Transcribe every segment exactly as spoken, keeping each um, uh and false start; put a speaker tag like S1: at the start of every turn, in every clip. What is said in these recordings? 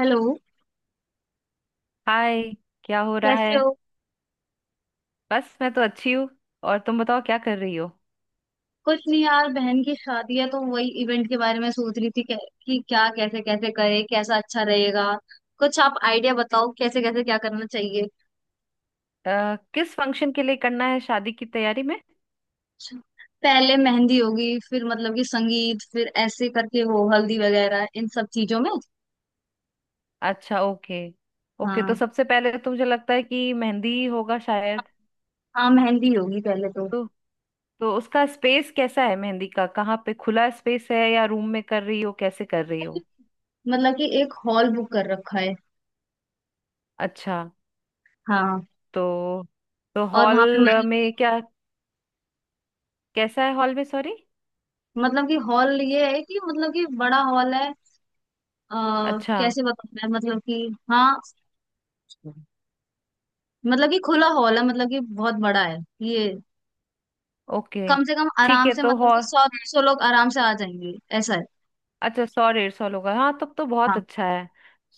S1: Hello.
S2: Hi, क्या हो रहा
S1: कैसे
S2: है।
S1: हो।
S2: बस मैं तो अच्छी हूँ। और तुम बताओ क्या कर रही हो।
S1: कुछ नहीं यार, बहन की शादी है तो वही इवेंट के बारे में सोच रही थी कै- कि क्या, कैसे कैसे करे, कैसा अच्छा रहेगा। कुछ आप आइडिया बताओ, कैसे कैसे क्या करना चाहिए।
S2: अ, किस फंक्शन के लिए करना है शादी की तैयारी में।
S1: पहले मेहंदी होगी फिर मतलब कि संगीत, फिर ऐसे करके वो हल्दी वगैरह इन सब चीजों में।
S2: अच्छा, ओके। ओके, तो
S1: हाँ।
S2: सबसे पहले तो मुझे लगता है कि मेहंदी होगा शायद।
S1: हाँ मेहंदी होगी पहले तो।
S2: तो तो उसका स्पेस कैसा है मेहंदी का, कहाँ पे खुला स्पेस है या रूम में कर रही हो, कैसे कर रही हो।
S1: मतलब कि एक हॉल बुक कर रखा है।
S2: अच्छा।
S1: हाँ।
S2: तो तो
S1: और वहां पे
S2: हॉल
S1: मत-
S2: में क्या कैसा है हॉल में, सॉरी।
S1: मतलब कि हॉल ये है कि मतलब कि बड़ा हॉल है। आ,
S2: अच्छा,
S1: कैसे बताऊं मैं, मतलब कि। हाँ, मतलब कि खुला हॉल है, मतलब कि बहुत बड़ा है ये।
S2: ओके।
S1: कम से कम
S2: ठीक
S1: आराम
S2: है,
S1: से
S2: तो
S1: मतलब कि
S2: हॉल।
S1: सौ डेढ़ सौ लोग आराम से आ जाएंगे, ऐसा है।
S2: अच्छा, सौ डेढ़ सौ लोग हैं। हाँ, तब तो बहुत
S1: हाँ।
S2: अच्छा है।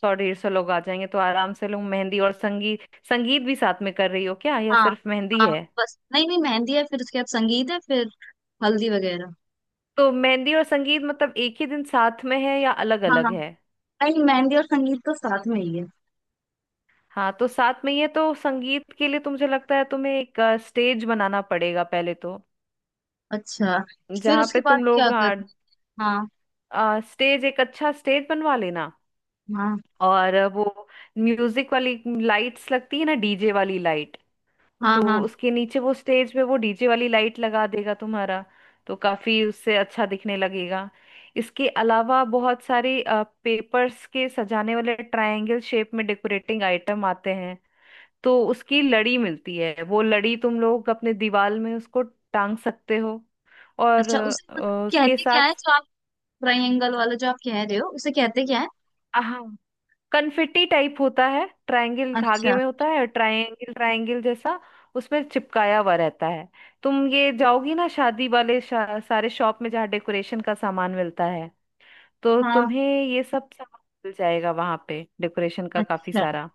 S2: सौ डेढ़ सौ लोग आ जाएंगे, तो आराम से लोग मेहंदी और संगीत। संगीत भी साथ में कर रही हो क्या, या
S1: हाँ।
S2: सिर्फ मेहंदी
S1: हाँ,
S2: है।
S1: बस नहीं। नहीं मेहंदी है फिर उसके बाद संगीत है फिर हल्दी वगैरह।
S2: तो मेहंदी और संगीत मतलब एक ही दिन साथ में है, या अलग
S1: हाँ
S2: अलग
S1: हाँ।
S2: है।
S1: नहीं, मेहंदी और संगीत तो साथ में ही है।
S2: हाँ, तो साथ में ही है, तो संगीत के लिए तो मुझे लगता है तुम्हें एक स्टेज बनाना पड़ेगा पहले तो।
S1: अच्छा, फिर
S2: जहाँ
S1: उसके
S2: पे
S1: बाद
S2: तुम
S1: क्या
S2: लोग, हाँ,
S1: करते। हाँ।
S2: स्टेज, एक अच्छा स्टेज बनवा लेना।
S1: हाँ।
S2: और अ, वो म्यूजिक वाली लाइट्स लगती है ना, डीजे वाली लाइट।
S1: हाँ।
S2: तो
S1: हाँ।
S2: उसके नीचे वो स्टेज पे वो डीजे वाली लाइट लगा देगा तुम्हारा। तो काफी उससे अच्छा दिखने लगेगा। इसके अलावा बहुत सारे पेपर्स के सजाने वाले ट्रायंगल शेप में डेकोरेटिंग आइटम आते हैं। तो उसकी लड़ी मिलती है, वो लड़ी तुम लोग अपने दीवार में उसको टांग सकते हो। और
S1: अच्छा, उसे मतलब
S2: अ, उसके
S1: कहते क्या
S2: साथ,
S1: है, जो आप ट्राइंगल वाला जो आप कह रहे हो उसे कहते क्या है।
S2: हाँ, कन्फिटी टाइप होता है, ट्रायंगल धागे
S1: अच्छा।
S2: में होता है, ट्रायंगल ट्रायंगल जैसा उसमें चिपकाया हुआ रहता है। तुम ये जाओगी ना शादी वाले, शा, सारे शॉप में जहाँ डेकोरेशन का सामान मिलता है, तो
S1: हाँ।
S2: तुम्हें ये सब सामान मिल जाएगा वहां पे, डेकोरेशन का काफी
S1: अच्छा।
S2: सारा।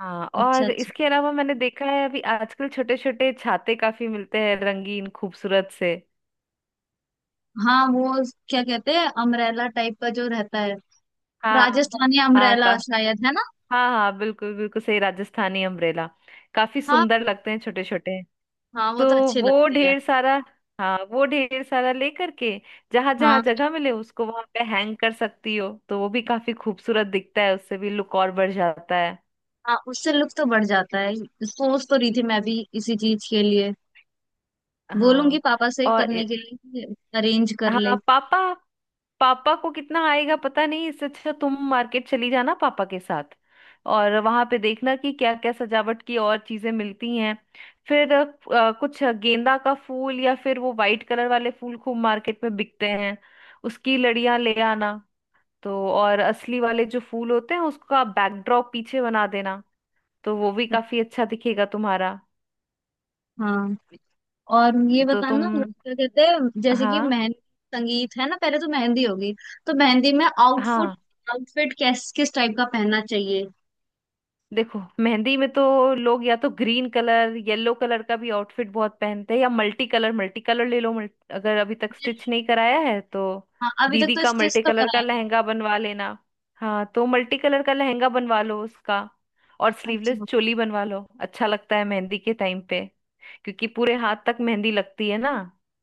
S2: हाँ,
S1: अच्छा।
S2: और
S1: अच्छा।
S2: इसके अलावा मैंने देखा है, अभी आजकल छोटे छोटे छाते काफी मिलते हैं, रंगीन खूबसूरत से।
S1: हाँ वो क्या कहते हैं, अमरेला टाइप का जो रहता है।
S2: हाँ,
S1: राजस्थानी
S2: हाँ।
S1: अम्ब्रेला शायद है ना।
S2: हाँ हाँ, बिल्कुल बिल्कुल, सही, राजस्थानी अम्ब्रेला। काफी
S1: हाँ।
S2: सुंदर लगते हैं, छोटे छोटे।
S1: हाँ वो तो
S2: तो
S1: अच्छे
S2: वो
S1: लगते हैं।
S2: ढेर सारा, हाँ, वो ढेर सारा लेकर के, जहां
S1: हाँ।
S2: जहां जगह मिले उसको वहां पे हैंग कर सकती हो, तो वो भी काफी खूबसूरत दिखता है, उससे भी लुक और बढ़ जाता है।
S1: हाँ उससे लुक तो बढ़ जाता है। सोच तो रही थी मैं भी इसी चीज के लिए, बोलूंगी
S2: हाँ।
S1: पापा से
S2: और
S1: करने
S2: इ-
S1: के लिए, अरेंज कर ले।
S2: हाँ, पापा, पापा को कितना आएगा पता नहीं, इससे अच्छा तुम मार्केट चली जाना पापा के साथ। और वहां पे देखना कि क्या क्या सजावट की और चीजें मिलती हैं। फिर अ, कुछ गेंदा का फूल या फिर वो वाइट कलर वाले फूल खूब मार्केट में बिकते हैं, उसकी लड़ियां ले आना। तो, और असली वाले जो फूल होते हैं उसका बैकड्रॉप पीछे बना देना, तो वो भी काफी अच्छा दिखेगा तुम्हारा।
S1: हाँ। और ये
S2: तो तुम,
S1: बताना क्या कहते हैं, जैसे कि
S2: हाँ,
S1: मेहंदी संगीत है ना, पहले तो मेहंदी होगी, तो मेहंदी में आउटफुट
S2: हाँ,
S1: आउटफिट किस किस टाइप का पहनना चाहिए।
S2: देखो मेहंदी में तो लोग या तो ग्रीन कलर, येलो कलर का भी आउटफिट बहुत पहनते हैं, या मल्टी कलर, मल्टी कलर ले लो, मल्ट- अगर अभी तक स्टिच नहीं कराया है तो
S1: हाँ, अभी तक
S2: दीदी
S1: तो
S2: का
S1: स्टिच
S2: मल्टी
S1: तो
S2: कलर का
S1: कराया नहीं।
S2: लहंगा बनवा लेना। हाँ, तो मल्टी कलर का लहंगा बनवा लो उसका, और स्लीवलेस
S1: अच्छा।
S2: चोली बनवा लो, अच्छा लगता है मेहंदी के टाइम पे। क्योंकि पूरे हाथ तक मेहंदी लगती है ना।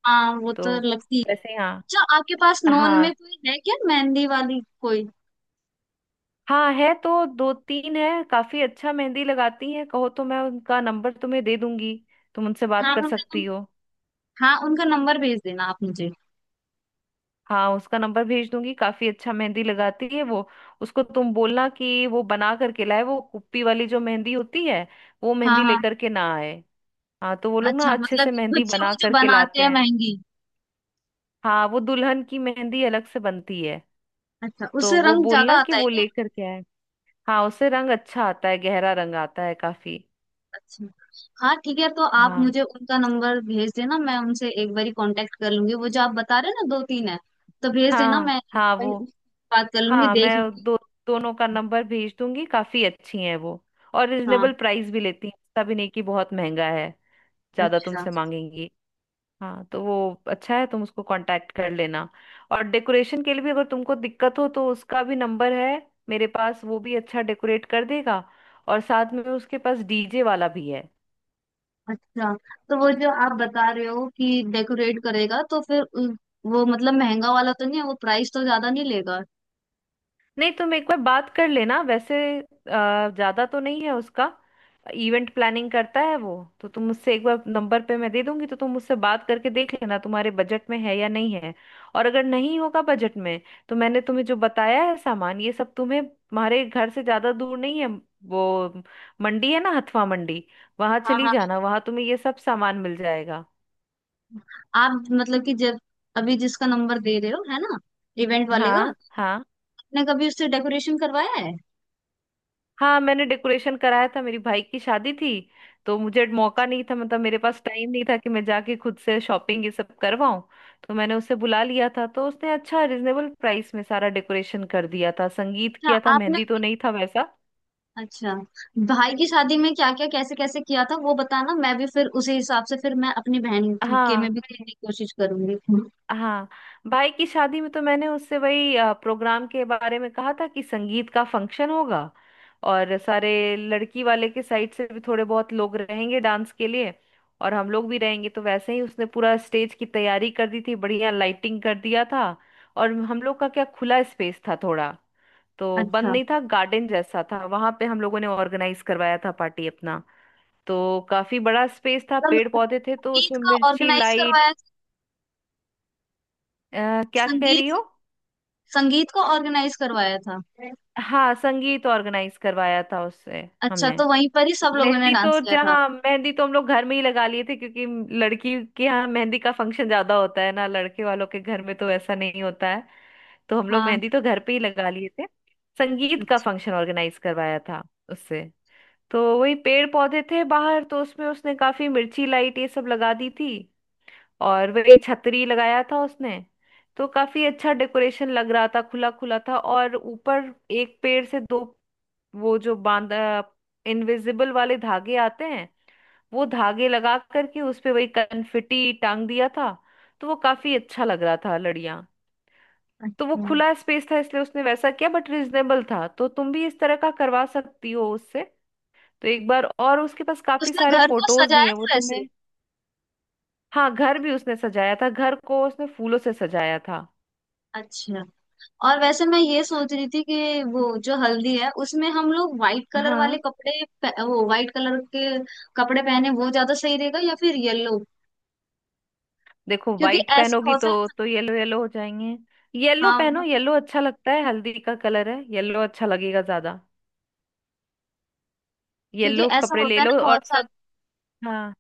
S1: हाँ वो तो
S2: तो
S1: लगती है।
S2: वैसे हाँ,
S1: अच्छा आपके पास नॉन
S2: हाँ।
S1: में कोई है क्या मेहंदी वाली कोई।
S2: हाँ है तो, दो तीन है, काफी अच्छा मेहंदी लगाती है, कहो तो मैं उनका नंबर तुम्हें दे दूंगी, तुम उनसे बात
S1: हाँ
S2: कर
S1: उनका
S2: सकती
S1: नम,
S2: हो।
S1: हाँ उनका नंबर भेज देना आप मुझे।
S2: हाँ, उसका नंबर भेज दूंगी, काफी अच्छा मेहंदी लगाती है वो। उसको तुम बोलना कि वो बना करके लाए, वो कुप्पी वाली जो मेहंदी होती है, वो
S1: हाँ।
S2: मेहंदी
S1: हाँ।
S2: लेकर के ना आए। हाँ, तो वो लोग ना
S1: अच्छा,
S2: अच्छे
S1: मतलब
S2: से
S1: कि खुद
S2: मेहंदी
S1: से वो
S2: बना
S1: जो
S2: करके
S1: बनाते
S2: लाते
S1: हैं
S2: हैं।
S1: महंगी।
S2: हाँ, वो दुल्हन की मेहंदी अलग से बनती है,
S1: अच्छा
S2: तो
S1: उससे
S2: वो
S1: रंग ज्यादा
S2: बोलना कि
S1: आता है
S2: वो
S1: क्या।
S2: लेकर के आए। हाँ, उससे रंग अच्छा आता है, गहरा रंग आता है काफी।
S1: अच्छा। हाँ ठीक है, तो आप
S2: हाँ
S1: मुझे उनका नंबर भेज देना, मैं उनसे एक बार कांटेक्ट कर लूंगी, वो जो आप बता रहे हैं ना दो तीन है, तो भेज देना,
S2: हाँ,
S1: मैं एक
S2: हाँ
S1: बारी
S2: वो।
S1: उनसे बात कर लूंगी,
S2: हाँ मैं
S1: देख लूंगी।
S2: दो, दोनों का नंबर भेज दूंगी, काफी अच्छी हैं वो, और
S1: हाँ।
S2: रिजनेबल प्राइस भी लेती हैं, ऐसा भी नहीं कि बहुत महंगा है, ज्यादा
S1: अच्छा।
S2: तुमसे मांगेंगी। हाँ, तो वो अच्छा है, तुम उसको कांटेक्ट कर लेना। और डेकोरेशन के लिए भी अगर तुमको दिक्कत हो, तो उसका भी नंबर है मेरे पास, वो भी अच्छा डेकोरेट कर देगा, और साथ में उसके पास डीजे वाला भी है।
S1: अच्छा तो वो जो आप बता रहे हो कि डेकोरेट करेगा, तो फिर उ- वो मतलब महंगा वाला तो नहीं है, वो प्राइस तो ज्यादा नहीं लेगा।
S2: नहीं, तुम एक बार बात कर लेना, वैसे अ, ज्यादा तो नहीं है उसका, इवेंट प्लानिंग करता है वो। तो तुम मुझसे एक बार, नंबर पे मैं दे दूंगी, तो तुम मुझसे बात करके देख लेना तुम्हारे बजट में है या नहीं है। और अगर नहीं होगा बजट में, तो मैंने तुम्हें जो बताया है सामान, ये सब तुम्हें, तुम्हारे घर से ज्यादा दूर नहीं है वो मंडी है ना, हथवा मंडी, वहां
S1: हाँ।
S2: चली
S1: हाँ।
S2: जाना, वहां तुम्हें ये सब सामान मिल जाएगा।
S1: आप मतलब कि जब अभी जिसका नंबर दे रहे हो है ना, इवेंट वाले का,
S2: हाँ, हाँ।
S1: आपने कभी उससे डेकोरेशन करवाया है।
S2: हाँ मैंने डेकोरेशन कराया था, मेरी भाई की शादी थी, तो मुझे मौका नहीं था, मतलब मेरे पास टाइम नहीं था कि मैं जाके खुद से शॉपिंग ये सब करवाऊं, तो मैंने उसे बुला लिया था, तो उसने अच्छा रिजनेबल प्राइस में सारा डेकोरेशन कर दिया था, संगीत
S1: अच्छा
S2: किया था,
S1: आपने,
S2: मेहंदी तो नहीं था वैसा।
S1: अच्छा भाई की शादी में क्या क्या, कैसे कैसे किया था वो बताना, मैं भी फिर उसी हिसाब से फिर मैं अपनी बहन के में
S2: हाँ,
S1: भी करने की कोशिश करूंगी।
S2: हाँ, भाई की शादी में तो मैंने उससे वही अ, प्रोग्राम के बारे में कहा था कि संगीत का फंक्शन होगा, और सारे लड़की वाले के साइड से भी थोड़े बहुत लोग रहेंगे डांस के लिए, और हम लोग भी रहेंगे, तो वैसे ही उसने पूरा स्टेज की तैयारी कर दी थी, बढ़िया लाइटिंग कर दिया था। और हम लोग का क्या, खुला स्पेस था थोड़ा, तो बंद
S1: अच्छा,
S2: नहीं था, गार्डन जैसा था, वहां पे हम लोगों ने ऑर्गेनाइज करवाया था पार्टी अपना। तो काफी बड़ा स्पेस था,
S1: तो
S2: पेड़
S1: मैं-
S2: पौधे थे, तो
S1: संगीत
S2: उसमें
S1: का
S2: मिर्ची
S1: ऑर्गेनाइज
S2: लाइट।
S1: करवाया था।
S2: क्या कह
S1: संगीत,
S2: रही हो।
S1: संगीत को ऑर्गेनाइज करवाया था।
S2: हाँ, संगीत ऑर्गेनाइज करवाया था उससे।
S1: अच्छा,
S2: हमने
S1: तो वहीं पर ही सब लोगों ने
S2: मेहंदी
S1: डांस
S2: तो,
S1: किया था।
S2: जहाँ मेहंदी तो हम लोग घर में ही लगा लिए थे, क्योंकि लड़की के यहाँ मेहंदी का फंक्शन ज्यादा होता है ना, लड़के वालों के घर में तो ऐसा नहीं होता है। तो हम लोग
S1: हाँ।
S2: मेहंदी तो घर पे ही लगा लिए थे, संगीत का
S1: अच्छा।
S2: फंक्शन ऑर्गेनाइज करवाया था उससे। तो वही पेड़ पौधे थे बाहर, तो उसमें उसने काफी मिर्ची लाइट ये सब लगा दी थी, और वही छतरी लगाया था उसने। तो काफी अच्छा डेकोरेशन लग रहा था, खुला खुला था, और ऊपर एक पेड़ से दो, वो जो बांध, इनविजिबल वाले धागे आते हैं, वो धागे लगा करके उस पे वही कनफिटी टांग दिया था, तो वो काफी अच्छा लग रहा था, लड़ियां। तो वो
S1: अच्छा
S2: खुला स्पेस था इसलिए उसने वैसा किया, बट रिजनेबल था, तो तुम भी इस तरह का करवा सकती हो उससे। तो एक बार, और उसके पास काफी
S1: उसने
S2: सारे
S1: घर को
S2: फोटोज भी
S1: सजाया
S2: हैं वो
S1: था वैसे।
S2: तुम्हें। हाँ, घर भी उसने सजाया था, घर को उसने फूलों से सजाया था।
S1: अच्छा, और वैसे मैं ये सोच रही थी कि वो जो हल्दी है उसमें हम लोग व्हाइट कलर वाले
S2: हाँ,
S1: कपड़े पह- वो व्हाइट कलर के कपड़े पहने, वो ज्यादा सही रहेगा या फिर येलो,
S2: देखो
S1: क्योंकि
S2: व्हाइट
S1: ऐसा
S2: पहनोगी
S1: होता
S2: तो
S1: है ना।
S2: तो येलो येलो हो जाएंगे, येलो पहनो,
S1: हाँ,
S2: येलो अच्छा लगता है, हल्दी का कलर है येलो, अच्छा लगेगा ज्यादा।
S1: क्योंकि
S2: येलो
S1: ऐसा
S2: कपड़े ले
S1: होता है ना,
S2: लो, और
S1: बहुत
S2: सब,
S1: सारे
S2: हाँ,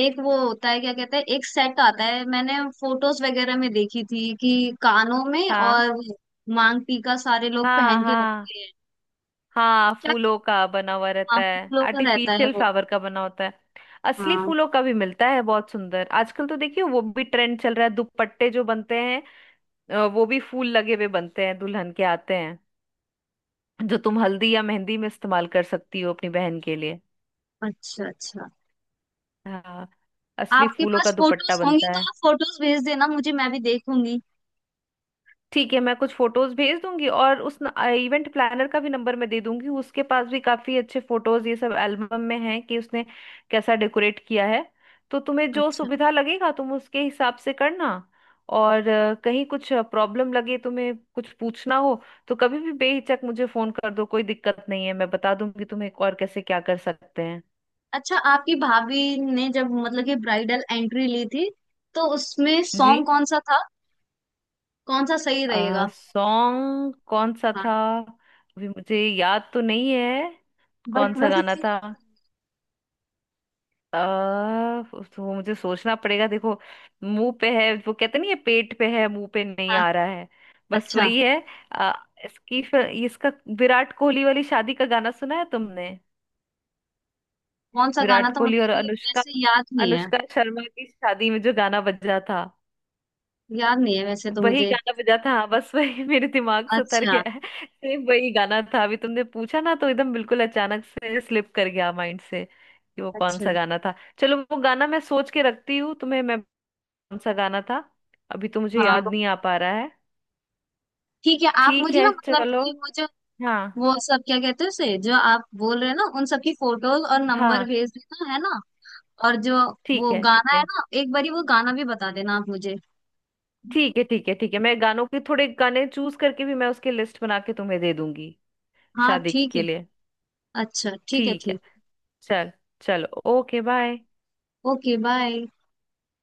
S1: एक वो होता है क्या कहते हैं, एक सेट आता है, मैंने फोटोज वगैरह में देखी थी कि कानों में
S2: हाँ।
S1: और मांग टीका सारे लोग
S2: हाँ
S1: पहन के
S2: हाँ,
S1: रखते हैं।
S2: हाँ
S1: क्या।
S2: फूलों का बना हुआ रहता
S1: हाँ
S2: है,
S1: फूलों का रहता है
S2: आर्टिफिशियल
S1: वो।
S2: फ्लावर का बना होता है। असली
S1: हाँ।
S2: फूलों का भी मिलता है, बहुत सुंदर, आजकल तो देखिए वो भी ट्रेंड चल रहा है, दुपट्टे जो बनते हैं, अ, वो भी फूल लगे हुए बनते हैं, दुल्हन के आते हैं, जो तुम हल्दी या मेहंदी में इस्तेमाल कर सकती हो अपनी बहन के लिए।
S1: अच्छा अच्छा।
S2: हाँ, असली
S1: आपके
S2: फूलों
S1: पास
S2: का दुपट्टा
S1: फोटोज होंगी
S2: बनता
S1: तो
S2: है।
S1: आप फोटोज भेज देना मुझे, मैं भी देखूंगी।
S2: ठीक है, मैं कुछ फोटोज भेज दूंगी, और उस इवेंट प्लानर का भी नंबर मैं दे दूंगी, उसके पास भी काफी अच्छे फोटोज ये सब एल्बम में हैं, कि उसने कैसा डेकोरेट किया है। तो तुम्हें जो
S1: अच्छा।
S2: सुविधा लगेगा तुम उसके हिसाब से करना। और अ, कहीं कुछ प्रॉब्लम लगे तुम्हें, कुछ पूछना हो, तो कभी भी बेहिचक मुझे फोन कर दो, कोई दिक्कत नहीं है, मैं बता दूंगी तुम्हें और कैसे क्या कर सकते हैं।
S1: अच्छा आपकी भाभी ने जब मतलब कि ब्राइडल एंट्री ली थी तो उसमें
S2: जी।
S1: सॉन्ग कौन सा था, कौन सा सही रहेगा।
S2: सॉन्ग कौन सा
S1: हाँ।
S2: था। अभी मुझे याद तो नहीं है, कौन
S1: बट
S2: सा
S1: वैसे
S2: गाना
S1: सही।
S2: था। आ, तो मुझे सोचना पड़ेगा, देखो मुंह पे है वो, कहते नहीं है पेट पे है, मुंह पे नहीं
S1: हाँ।
S2: आ रहा है, बस
S1: अच्छा
S2: वही है। आ, इसकी फिर- इसका विराट कोहली वाली शादी का गाना सुना है तुमने।
S1: कौन सा गाना
S2: विराट
S1: था
S2: कोहली और
S1: मतलब कि
S2: अनुष्का,
S1: वैसे याद नहीं है।
S2: अनुष्का शर्मा की शादी में जो गाना बजा था,
S1: याद नहीं है वैसे तो
S2: वही
S1: मुझे।
S2: गाना बजा था, हाँ, बस वही मेरे दिमाग से उतर
S1: अच्छा।
S2: गया है। सेम वही गाना था, अभी तुमने पूछा ना तो एकदम बिल्कुल अचानक से स्लिप कर गया माइंड से, कि वो कौन
S1: अच्छा।
S2: सा गाना था। चलो, वो गाना मैं सोच के रखती हूँ तुम्हें, मैं, कौन सा गाना था, अभी तो मुझे
S1: हाँ
S2: याद नहीं आ पा रहा है।
S1: ठीक है, आप
S2: ठीक
S1: मुझे ना
S2: है,
S1: मतलब
S2: चलो।
S1: कि वो जो,
S2: हाँ,
S1: वो सब क्या कहते हैं उसे जो आप बोल रहे हैं ना, उन सबकी फोटोज और नंबर
S2: हाँ,
S1: भेज देना है ना, और जो
S2: ठीक
S1: वो
S2: है, ठीक
S1: गाना है
S2: है,
S1: ना, एक बारी वो गाना भी बता देना आप मुझे।
S2: ठीक है, ठीक है, ठीक है, मैं गानों के, थोड़े गाने चूज करके भी, मैं उसकी लिस्ट बना के तुम्हें दे दूंगी
S1: हाँ
S2: शादी
S1: ठीक है।
S2: के लिए।
S1: अच्छा ठीक है,
S2: ठीक
S1: ठीक।
S2: है। चल, चलो, ओके, बाय।
S1: Okay bye.